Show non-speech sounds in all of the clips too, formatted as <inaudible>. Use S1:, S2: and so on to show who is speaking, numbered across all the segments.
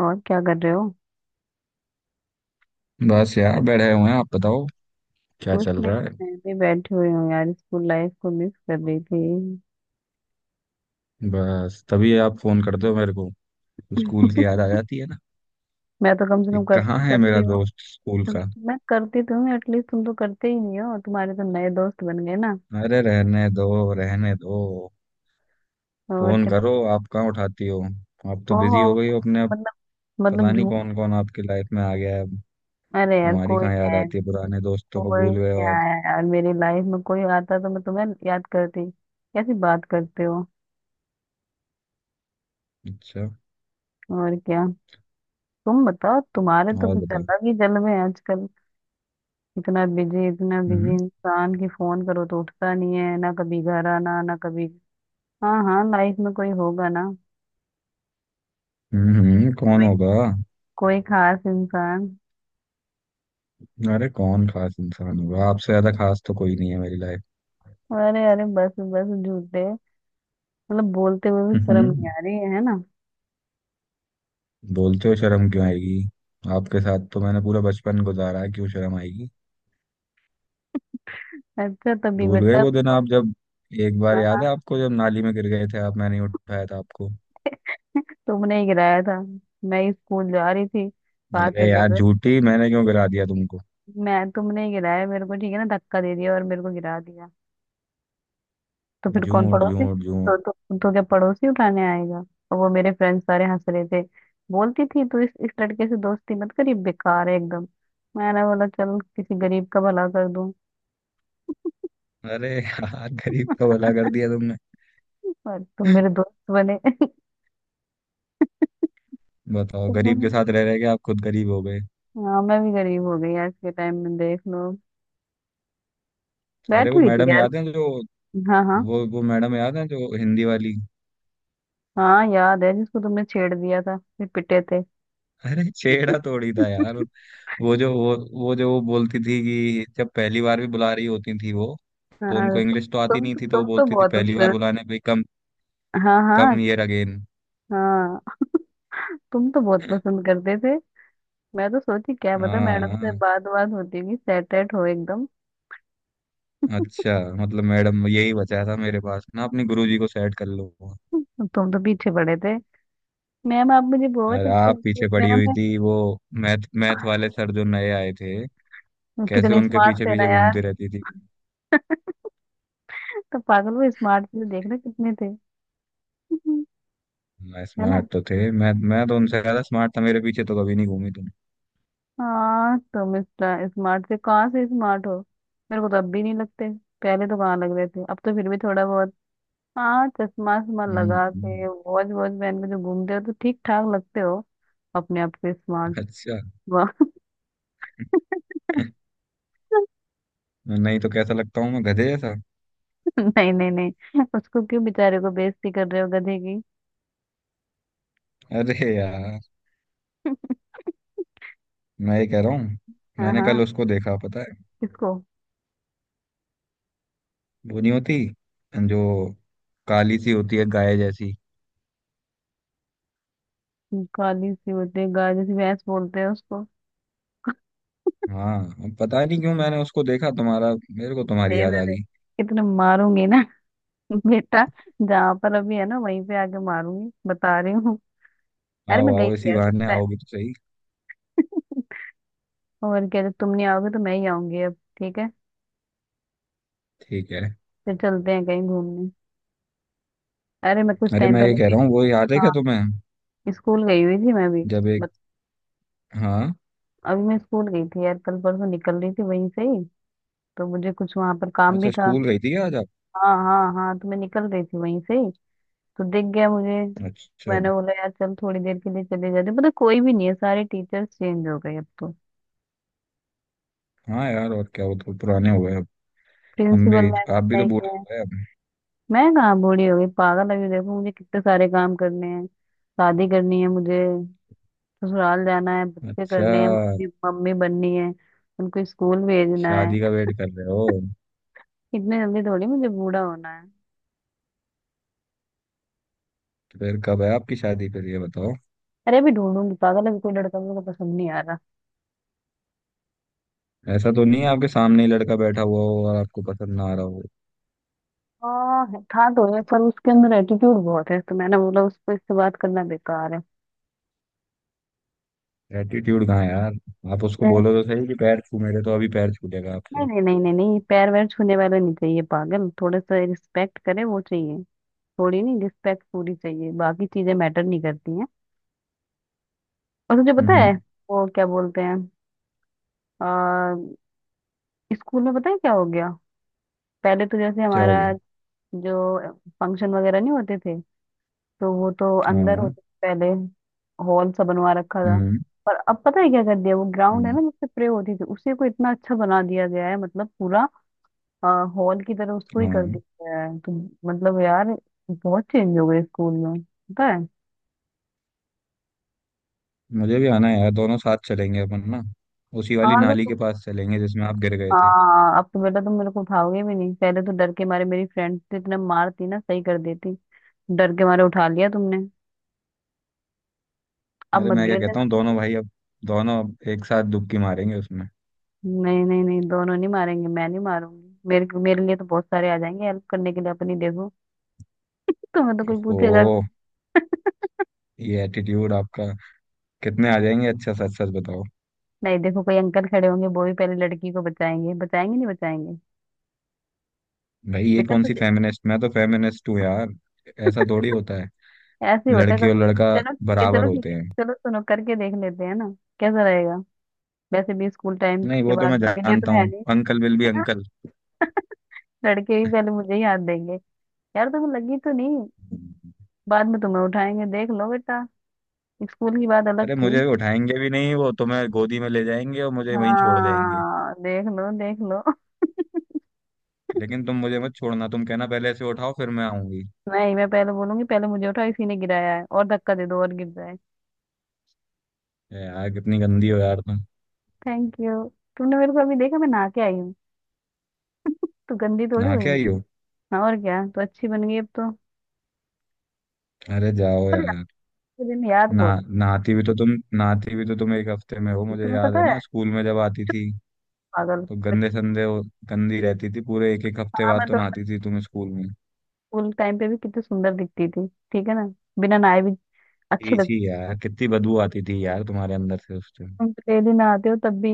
S1: और क्या कर रहे हो?
S2: बस यार बैठे हुए हैं। आप बताओ क्या
S1: कुछ
S2: चल
S1: नहीं।
S2: रहा है।
S1: मैं भी बैठी हुई हूँ यार, स्कूल लाइफ को मिस कर रही थी।
S2: बस तभी आप फोन करते हो मेरे को, स्कूल की
S1: <laughs>
S2: याद आ जाती है ना।
S1: मैं तो कम से
S2: ये
S1: कम
S2: कहाँ है
S1: करती
S2: मेरा
S1: हूँ।
S2: दोस्त स्कूल का।
S1: मैं करती तो हूँ एटलीस्ट, तुम तो करते ही नहीं हो, तुम्हारे तो नए दोस्त बन गए ना।
S2: अरे रहने दो रहने दो।
S1: और
S2: फोन
S1: क्या तो।
S2: करो आप कहाँ उठाती हो, आप तो बिजी
S1: ओहो।
S2: हो गई हो अपने अब।
S1: मतलब मतलब
S2: पता नहीं
S1: झूठ।
S2: कौन कौन आपकी लाइफ में आ गया है अब।
S1: अरे यार,
S2: हमारी
S1: कोई
S2: कहाँ
S1: नहीं
S2: याद
S1: आया।
S2: आती है, पुराने दोस्तों को
S1: कोई
S2: भूल गए हो
S1: नहीं
S2: आप।
S1: आया यार, मेरी लाइफ में कोई आता तो मैं तुम्हें याद करती, कैसी बात करते हो।
S2: अच्छा।
S1: और क्या। तुम बताओ, तुम्हारे तो
S2: और
S1: कुछ
S2: बताओ।
S1: अलग ही जलवे हैं आजकल। इतना बिजी
S2: हम्म
S1: इंसान की फोन करो तो उठता नहीं है ना, कभी घर आना ना कभी। हाँ हाँ, लाइफ में कोई होगा ना।
S2: कौन
S1: कोई
S2: होगा।
S1: कोई खास इंसान।
S2: अरे कौन खास इंसान होगा, आपसे ज्यादा खास तो कोई नहीं है मेरी लाइफ।
S1: अरे अरे, बस बस झूठे। मतलब बोलते हुए भी
S2: हम्म
S1: शर्म नहीं
S2: हम्म।
S1: आ रही है ना।
S2: बोलते हो शर्म क्यों आएगी। आपके साथ तो मैंने पूरा बचपन गुजारा है, क्यों शर्म आएगी।
S1: अच्छा तभी
S2: भूल गए
S1: बेटा
S2: वो दिन
S1: तुम।
S2: आप जब, एक बार
S1: हाँ हाँ,
S2: याद है आपको जब नाली में गिर गए थे आप, मैंने ही उठाया था आपको।
S1: <laughs> तुमने ही गिराया था। मैं ही स्कूल जा रही थी, साथ में
S2: अरे
S1: चल
S2: यार
S1: रहे।
S2: झूठी, मैंने क्यों गिरा दिया तुमको।
S1: मैं तुमने ही गिराया मेरे को, ठीक है ना, धक्का दे दिया और मेरे को गिरा दिया। तो फिर कौन
S2: झूठ
S1: पड़ोसी
S2: झूठ झूठ।
S1: तो क्या पड़ोसी उठाने आएगा? और वो मेरे फ्रेंड्स सारे हंस रहे थे। बोलती थी तू इस लड़के से दोस्ती मत करी, बेकार है एकदम। मैंने बोला चल किसी गरीब का भला कर दूं।
S2: अरे यार गरीब का भला कर दिया तुमने।
S1: पर तुम मेरे दोस्त बने। <laughs>
S2: बताओ
S1: तो
S2: गरीब के
S1: मैं-
S2: साथ रह रह के आप खुद गरीब हो गए।
S1: हाँ मैं भी गरीब हो गई, आज के टाइम में देख लो।
S2: अरे
S1: बैठी
S2: वो
S1: हुई थी
S2: मैडम
S1: यार।
S2: याद है जो,
S1: हाँ हाँ।
S2: वो मैडम याद है जो हिंदी वाली।
S1: हाँ याद है, जिसको तुमने छेड़ दिया था फिर पिटे थे।
S2: अरे छेड़ा थोड़ी था यार।
S1: <laughs>
S2: वो जो वो वो जो वो बोलती थी कि जब पहली बार भी बुला रही होती थी वो। तो उनको
S1: हाँ।
S2: इंग्लिश तो आती
S1: तुम
S2: नहीं थी, तो
S1: तुम
S2: वो
S1: तो
S2: बोलती थी
S1: बहुत उस
S2: पहली बार
S1: पर।
S2: बुलाने पे कम,
S1: हाँ
S2: कम
S1: हाँ
S2: हियर अगेन।
S1: हाँ। <laughs> तुम तो बहुत पसंद करते थे। मैं तो सोची क्या पता
S2: हाँ
S1: मैडम से
S2: हाँ,
S1: बात बात होती होगी, सेट एट हो एकदम।
S2: अच्छा। मतलब मैडम यही बचा था मेरे पास ना, अपने गुरुजी को सेट कर लो।
S1: तुम तो पीछे पड़े थे। मैम, आप मुझे बहुत
S2: अरे
S1: अच्छे
S2: आप
S1: लगते हैं
S2: पीछे पड़ी हुई
S1: मैम।
S2: थी वो मैथ मैथ वाले सर जो नए आए थे। कैसे
S1: कितने
S2: उनके
S1: स्मार्ट
S2: पीछे
S1: थे ना
S2: पीछे
S1: यार।
S2: घूमती रहती थी।
S1: तो पागल, वो स्मार्ट से देख रहे कितने थे।
S2: मैं
S1: है ना।
S2: स्मार्ट तो थे, मैं तो उनसे ज्यादा स्मार्ट था, मेरे पीछे तो कभी नहीं घूमी तुम।
S1: हाँ तुम स्मार्ट से कहाँ से स्मार्ट हो। मेरे को तो अब भी नहीं लगते। पहले तो कहाँ लग रहे थे, अब तो फिर भी थोड़ा बहुत। हाँ चश्मा वश्मा
S2: हम्म
S1: लगा
S2: हम्म,
S1: के, वॉच वॉच पहन के जो घूमते हो तो ठीक ठाक लगते हो। अपने आप से स्मार्ट।
S2: अच्छा।
S1: वाह। <laughs>
S2: नहीं तो कैसा लगता हूँ मैं, गधे जैसा।
S1: नहीं नहीं नहीं, उसको क्यों, बेचारे को बेइज्जती कर रहे हो गधे की।
S2: अरे यार
S1: <laughs>
S2: मैं ये कह रहा हूँ।
S1: हाँ
S2: मैंने
S1: हाँ।
S2: कल उसको देखा पता है।
S1: किसको?
S2: वो नहीं होती जो, काली सी होती है गाय जैसी।
S1: काली सी होती है गाय जैसी, भैंस बोलते हैं उसको।
S2: हाँ। अब पता नहीं क्यों मैंने उसको देखा, तुम्हारा मेरे को तुम्हारी
S1: दे
S2: याद
S1: दे
S2: आ
S1: दे,
S2: गई।
S1: इतने मारूंगी ना। <laughs> बेटा, जहां पर अभी है ना वहीं पे आके मारूंगी, बता रही हूँ। अरे
S2: आओ
S1: मैं गई
S2: आओ,
S1: थी
S2: इसी
S1: यार कुछ
S2: बहाने
S1: टाइम।
S2: आओगी तो सही।
S1: <laughs> और क्या, जब तुम नहीं आओगे तो मैं ही आऊंगी, अब ठीक है।
S2: ठीक है।
S1: फिर चलते हैं कहीं घूमने। अरे मैं कुछ
S2: अरे
S1: टाइम
S2: मैं ये
S1: पहले
S2: कह
S1: भी।
S2: रहा हूँ, वो याद है क्या
S1: हाँ
S2: तुम्हें
S1: स्कूल गई हुई थी मैं भी।
S2: जब एक,
S1: बत,
S2: हाँ।
S1: अभी मैं स्कूल गई थी यार, कल परसों निकल रही थी वहीं से ही। तो मुझे कुछ वहां पर काम भी
S2: अच्छा
S1: था।
S2: स्कूल गई थी क्या आज आप।
S1: हाँ हाँ हाँ, तो मैं निकल रही थी वहीं से ही। तो दिख गया मुझे।
S2: अच्छा।
S1: मैंने बोला यार चल थोड़ी देर के लिए चले जाते, पता है, कोई भी नहीं है, सारे टीचर्स चेंज हो गए अब तो।
S2: हाँ यार, और क्या, वो तो पुराने हो गए अब। हम
S1: प्रिंसिपल
S2: भी
S1: मैम
S2: आप भी तो
S1: नहीं
S2: बूढ़े
S1: है।
S2: हो गए अब।
S1: मैं कहाँ बूढ़ी हो गई पागल, अभी देखो मुझे कितने सारे काम करने हैं। शादी करनी है मुझे। ससुराल जाना है, बच्चे
S2: अच्छा।
S1: करने हैं, मम्मी मम्मी बननी है। उनको स्कूल भेजना है।
S2: शादी का वेट कर रहे हो।
S1: इतने जल्दी थोड़ी मुझे बूढ़ा होना है।
S2: फिर कब है आपकी शादी, फिर ये बताओ।
S1: अरे अभी ढूंढूंगी पागल, अभी कोई लड़का मेरे को पसंद नहीं आ रहा।
S2: ऐसा तो नहीं है आपके सामने ही लड़का बैठा हुआ हो और आपको पसंद ना आ रहा हो।
S1: हाँ था तो है, पर उसके अंदर एटीट्यूड बहुत है तो मैंने बोला उसको, इससे बात करना बेकार है।
S2: एटीट्यूड कहाँ है यार। आप उसको
S1: मैं-
S2: बोलो तो सही कि पैर छू मेरे, तो अभी पैर छूटेगा आपके।
S1: नहीं नहीं नहीं नहीं नहीं, पैर वैर छूने वाला नहीं चाहिए पागल, थोड़ा सा रिस्पेक्ट करे वो चाहिए। थोड़ी नहीं, रिस्पेक्ट पूरी चाहिए, बाकी चीजें मैटर नहीं करती हैं। और तुझे पता है
S2: हम्म।
S1: वो क्या बोलते हैं। आ, स्कूल में पता है क्या हो गया। पहले तो जैसे
S2: क्या हो
S1: हमारा
S2: गया।
S1: जो फंक्शन वगैरह नहीं होते थे तो वो तो अंदर
S2: हाँ।
S1: होते से पहले हॉल सा बनवा रखा था।
S2: हम्म।
S1: पर अब पता है क्या कर दिया, वो ग्राउंड है
S2: हम्म।
S1: ना जिससे प्रे होती थी, उसी को इतना अच्छा बना दिया गया है, मतलब पूरा हॉल की तरह उसको ही कर
S2: हाँ।
S1: दिया गया है तो। मतलब यार, बहुत चेंज हो गए स्कूल में पता है।
S2: मुझे भी आना है यार, दोनों साथ चलेंगे अपन ना। उसी वाली
S1: हाँ तो
S2: नाली
S1: तुम।
S2: के पास चलेंगे जिसमें आप गिर गए थे।
S1: हाँ अब तो बेटा, तुम मेरे को उठाओगे भी नहीं, पहले तो डर के मारे मेरी फ्रेंड तो इतना मारती ना सही कर देती। डर के मारे उठा लिया तुमने। अब
S2: अरे
S1: मत
S2: मैं क्या
S1: घेर
S2: कहता
S1: देना।
S2: हूँ दोनों भाई अब, दोनों अब एक साथ डुबकी मारेंगे उसमें।
S1: नहीं नहीं नहीं, दोनों नहीं मारेंगे, मैं नहीं मारूंगी, मेरे मेरे लिए तो बहुत सारे आ जाएंगे हेल्प करने के लिए, अपनी देखो। <laughs> तुम्हें तो कोई पूछेगा भी।
S2: ओह। ये एटीट्यूड आपका। कितने आ जाएंगे, अच्छा सच सच बताओ।
S1: <laughs> नहीं देखो, कोई अंकल खड़े होंगे वो भी पहले लड़की को बचाएंगे, बचाएंगे नहीं बचाएंगे।
S2: भाई ये
S1: बेटा
S2: कौन सी
S1: तुझे।
S2: फेमिनिस्ट, मैं तो फेमिनिस्ट हूँ यार। ऐसा
S1: <laughs>
S2: थोड़ी होता है।
S1: ऐसे ही होता है
S2: लड़की और लड़का
S1: कभी, चलो ठीक है,
S2: बराबर
S1: चलो ठीक
S2: होते
S1: है।
S2: हैं।
S1: चलो सुनो, करके देख लेते हैं ना, कैसा रहेगा। वैसे भी स्कूल टाइम
S2: नहीं
S1: के
S2: वो तो
S1: बाद
S2: मैं
S1: मिले तो
S2: जानता
S1: है
S2: हूँ,
S1: नहीं।
S2: अंकल विल भी अंकल।
S1: <laughs> लड़के भी पहले मुझे ही हाथ देंगे। यार तुम्हें लगी तो नहीं। बाद में तुम्हें उठाएंगे, देख लो बेटा। स्कूल की बात अलग
S2: अरे
S1: थी।
S2: मुझे भी उठाएंगे भी नहीं, वो तुम्हें गोदी में ले जाएंगे और मुझे वहीं छोड़ जाएंगे।
S1: हाँ देख लो देख लो।
S2: लेकिन तुम मुझे मत छोड़ना, तुम कहना पहले इसे उठाओ फिर मैं आऊंगी।
S1: नहीं मैं पहले बोलूंगी, पहले मुझे उठाओ, इसी ने गिराया है, और धक्का दे दो और गिर जाए।
S2: ए यार कितनी गंदी हो यार तुम।
S1: Thank you. तुमने मेरे को अभी देखा, मैं नहा के आई हूँ। तो गंदी थोड़ी
S2: नहा
S1: हुई
S2: के
S1: मैं।
S2: आई हो।
S1: हाँ, और क्या, तो अच्छी बन गई अब तो।
S2: अरे जाओ
S1: पर यार,
S2: यार।
S1: के दिन याद
S2: ना
S1: बहुत।
S2: नहाती भी तो तुम, नहाती भी तो तुम एक हफ्ते में हो, मुझे
S1: तुम्हें
S2: याद
S1: पता
S2: है ना
S1: है।
S2: स्कूल में जब आती थी
S1: पागल।
S2: तो गंदे संदे वो, गंदी रहती थी पूरे एक एक हफ्ते
S1: हाँ
S2: बाद
S1: मैं
S2: तो
S1: तो
S2: नहाती थी तुम स्कूल में।
S1: स्कूल टाइम पे भी कितनी सुंदर दिखती थी, ठीक है ना, बिना नहाए भी अच्छी
S2: ठीक ही
S1: लगती।
S2: यार, कितनी बदबू आती थी यार तुम्हारे अंदर से उस टाइम।
S1: तुम तो डेली नहाते हो तब भी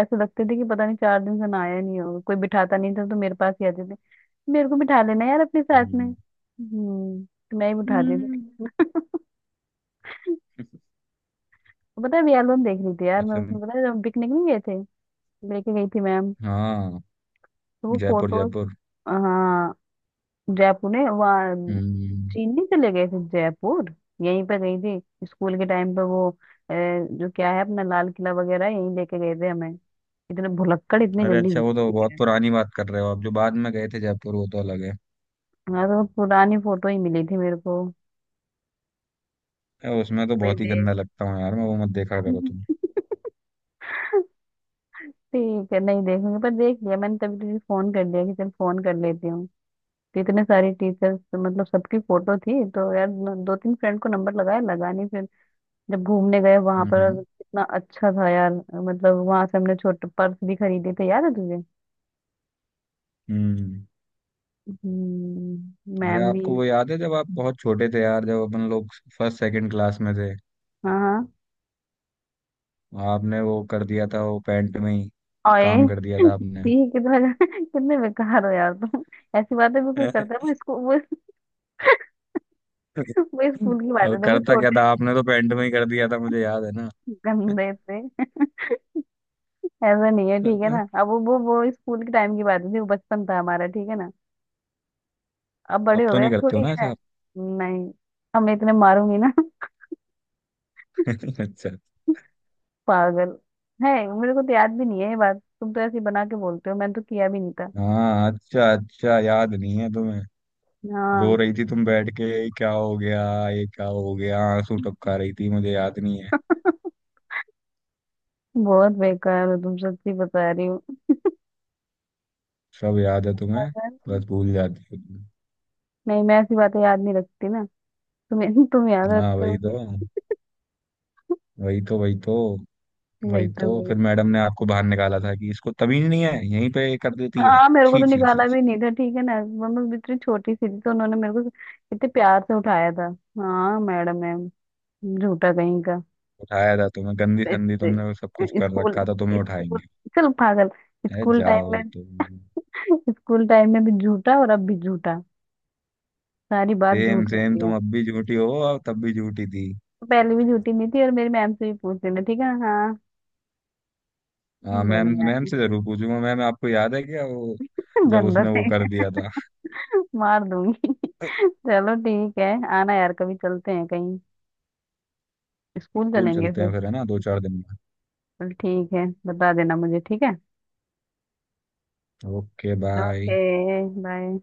S1: ऐसे लगते थे कि पता नहीं चार दिन से नहाया ही नहीं होगा, कोई बिठाता नहीं था तो मेरे पास ही आते थे। मेरे को बिठा लेना यार अपने साथ में,
S2: हम्म।
S1: हम्म। तो मैं ही बिठा देती
S2: हम्म।
S1: थी। <laughs> पता है अभी एल्बम देख रही थी यार मैं,
S2: अच्छा।
S1: उसमें पता है जब पिकनिक नहीं गए थे, लेके गई थी मैम,
S2: हाँ,
S1: तो वो
S2: जयपुर
S1: फोटोज।
S2: जयपुर।
S1: हाँ। जयपुर ने वहाँ।
S2: हम्म।
S1: चीन नहीं चले गए थे, जयपुर। यहीं पे गई थी स्कूल के टाइम पे, वो जो क्या है अपना लाल किला वगैरह, यहीं लेके गए थे हमें। इतने भुलक्कड़, इतने
S2: अरे
S1: जल्दी
S2: अच्छा वो तो
S1: भूल
S2: बहुत
S1: गए।
S2: पुरानी बात कर रहे हो, अब जो बाद में गए थे जयपुर वो तो अलग है।
S1: हाँ तो पुरानी फोटो ही मिली थी मेरे को।
S2: ए, उसमें तो
S1: वही
S2: बहुत ही
S1: देख।
S2: गंदा लगता हूँ यार मैं, वो मत देखा करो तुम।
S1: <laughs> ठीक है, नहीं देखूंगी, पर देख लिया मैंने तभी तुझे फोन कर दिया कि चल फोन कर लेती हूँ। तो इतने सारे टीचर्स, मतलब सबकी फोटो थी, तो यार दो तीन फ्रेंड को नंबर लगाया, लगा नहीं फिर। जब घूमने गए वहां पर,
S2: हम्म
S1: और कितना अच्छा था यार, मतलब वहां से हमने छोटे पर्स भी खरीदे थे, याद है तुझे।
S2: हम्म हम्म। अरे
S1: मैम भी।
S2: आपको वो याद है जब आप बहुत छोटे थे यार, जब अपन लोग फर्स्ट सेकंड क्लास में थे,
S1: हाँ हाँ।
S2: आपने वो कर दिया था वो पैंट में ही,
S1: ओए। <laughs>
S2: काम कर दिया था आपने।
S1: ठीक है, कितना कितने बेकार हो यार तुम, ऐसी बातें भी कोई करता है, वो इसको,
S2: <laughs>
S1: वो स्कूल की बातें
S2: अब
S1: थे, वो
S2: करता क्या
S1: छोटे
S2: था, आपने तो पैंट में ही कर दिया था मुझे याद है ना।
S1: गंदे थे। ऐसा नहीं है ठीक है ना,
S2: अब
S1: अब वो स्कूल के टाइम की बातें थी, वो बचपन था हमारा, ठीक है ना। अब बड़े हो
S2: तो
S1: गए,
S2: नहीं
S1: अब
S2: करते हो
S1: थोड़ी
S2: ना
S1: है।
S2: ऐसा आप।
S1: नहीं। हम इतने मारूंगी ना। <laughs>
S2: <laughs> अच्छा।
S1: पागल है। मेरे को तो याद भी नहीं है ये बात, तुम तो ऐसी बना के बोलते हो, मैंने तो किया भी नहीं था।
S2: हाँ अच्छा अच्छा, याद नहीं है तुम्हें। रो
S1: हाँ।
S2: रही थी तुम बैठ के, "ये क्या हो गया, ये क्या हो गया", आंसू टपका रही थी, मुझे याद नहीं है।
S1: <laughs> बहुत बेकार हो तुम, सच्ची बता रही हो।
S2: सब याद है तुम्हें,
S1: अगर-
S2: बस भूल जाती हो तुम।
S1: नहीं, मैं ऐसी बातें याद नहीं रखती ना। तुम याद
S2: हाँ
S1: रखते
S2: वही
S1: हो।
S2: तो वही तो वही तो, वही
S1: वही
S2: तो
S1: तो।
S2: फिर मैडम ने आपको बाहर निकाला था कि इसको तमीज नहीं है यहीं पे कर देती है।
S1: हाँ मेरे को
S2: छी
S1: तो
S2: छी छी
S1: निकाला
S2: छी।
S1: भी नहीं था ठीक है ना, मतलब इतनी छोटी सी थी तो उन्होंने मेरे को इतने प्यार से उठाया था। हाँ मैडम है। झूठा कहीं का।
S2: उठाया था तुम्हें गंदी संदी,
S1: इस-
S2: तुमने वो सब कुछ कर
S1: स्कूल
S2: रखा था, तुम्हें
S1: स्कूल
S2: उठाएंगे।
S1: चल पागल,
S2: ए
S1: स्कूल टाइम
S2: जाओ
S1: में।
S2: तुम।
S1: <laughs> स्कूल टाइम में भी झूठा और अब भी झूठा। सारी बात
S2: सेम
S1: झूठ
S2: सेम,
S1: होती है।
S2: तुम अब भी झूठी हो और तब भी झूठी थी।
S1: पहले भी झूठी नहीं थी, और मेरी मैम से भी पूछ लेना, ठीक है हाँ।
S2: हाँ मैम,
S1: बड़े
S2: मैम
S1: आए।
S2: से जरूर पूछूंगा, मैम आपको याद है क्या वो
S1: <laughs>
S2: जब
S1: गंदा
S2: उसने
S1: थे।
S2: वो कर दिया था।
S1: <laughs> मार दूंगी। <laughs> चलो ठीक है। आना यार कभी, चलते हैं कहीं, स्कूल
S2: स्कूल
S1: चलेंगे
S2: चलते
S1: फिर।
S2: हैं फिर है ना, दो चार दिन में।
S1: चल ठीक है, बता देना मुझे, ठीक है।
S2: Okay bye.
S1: ओके। बाय।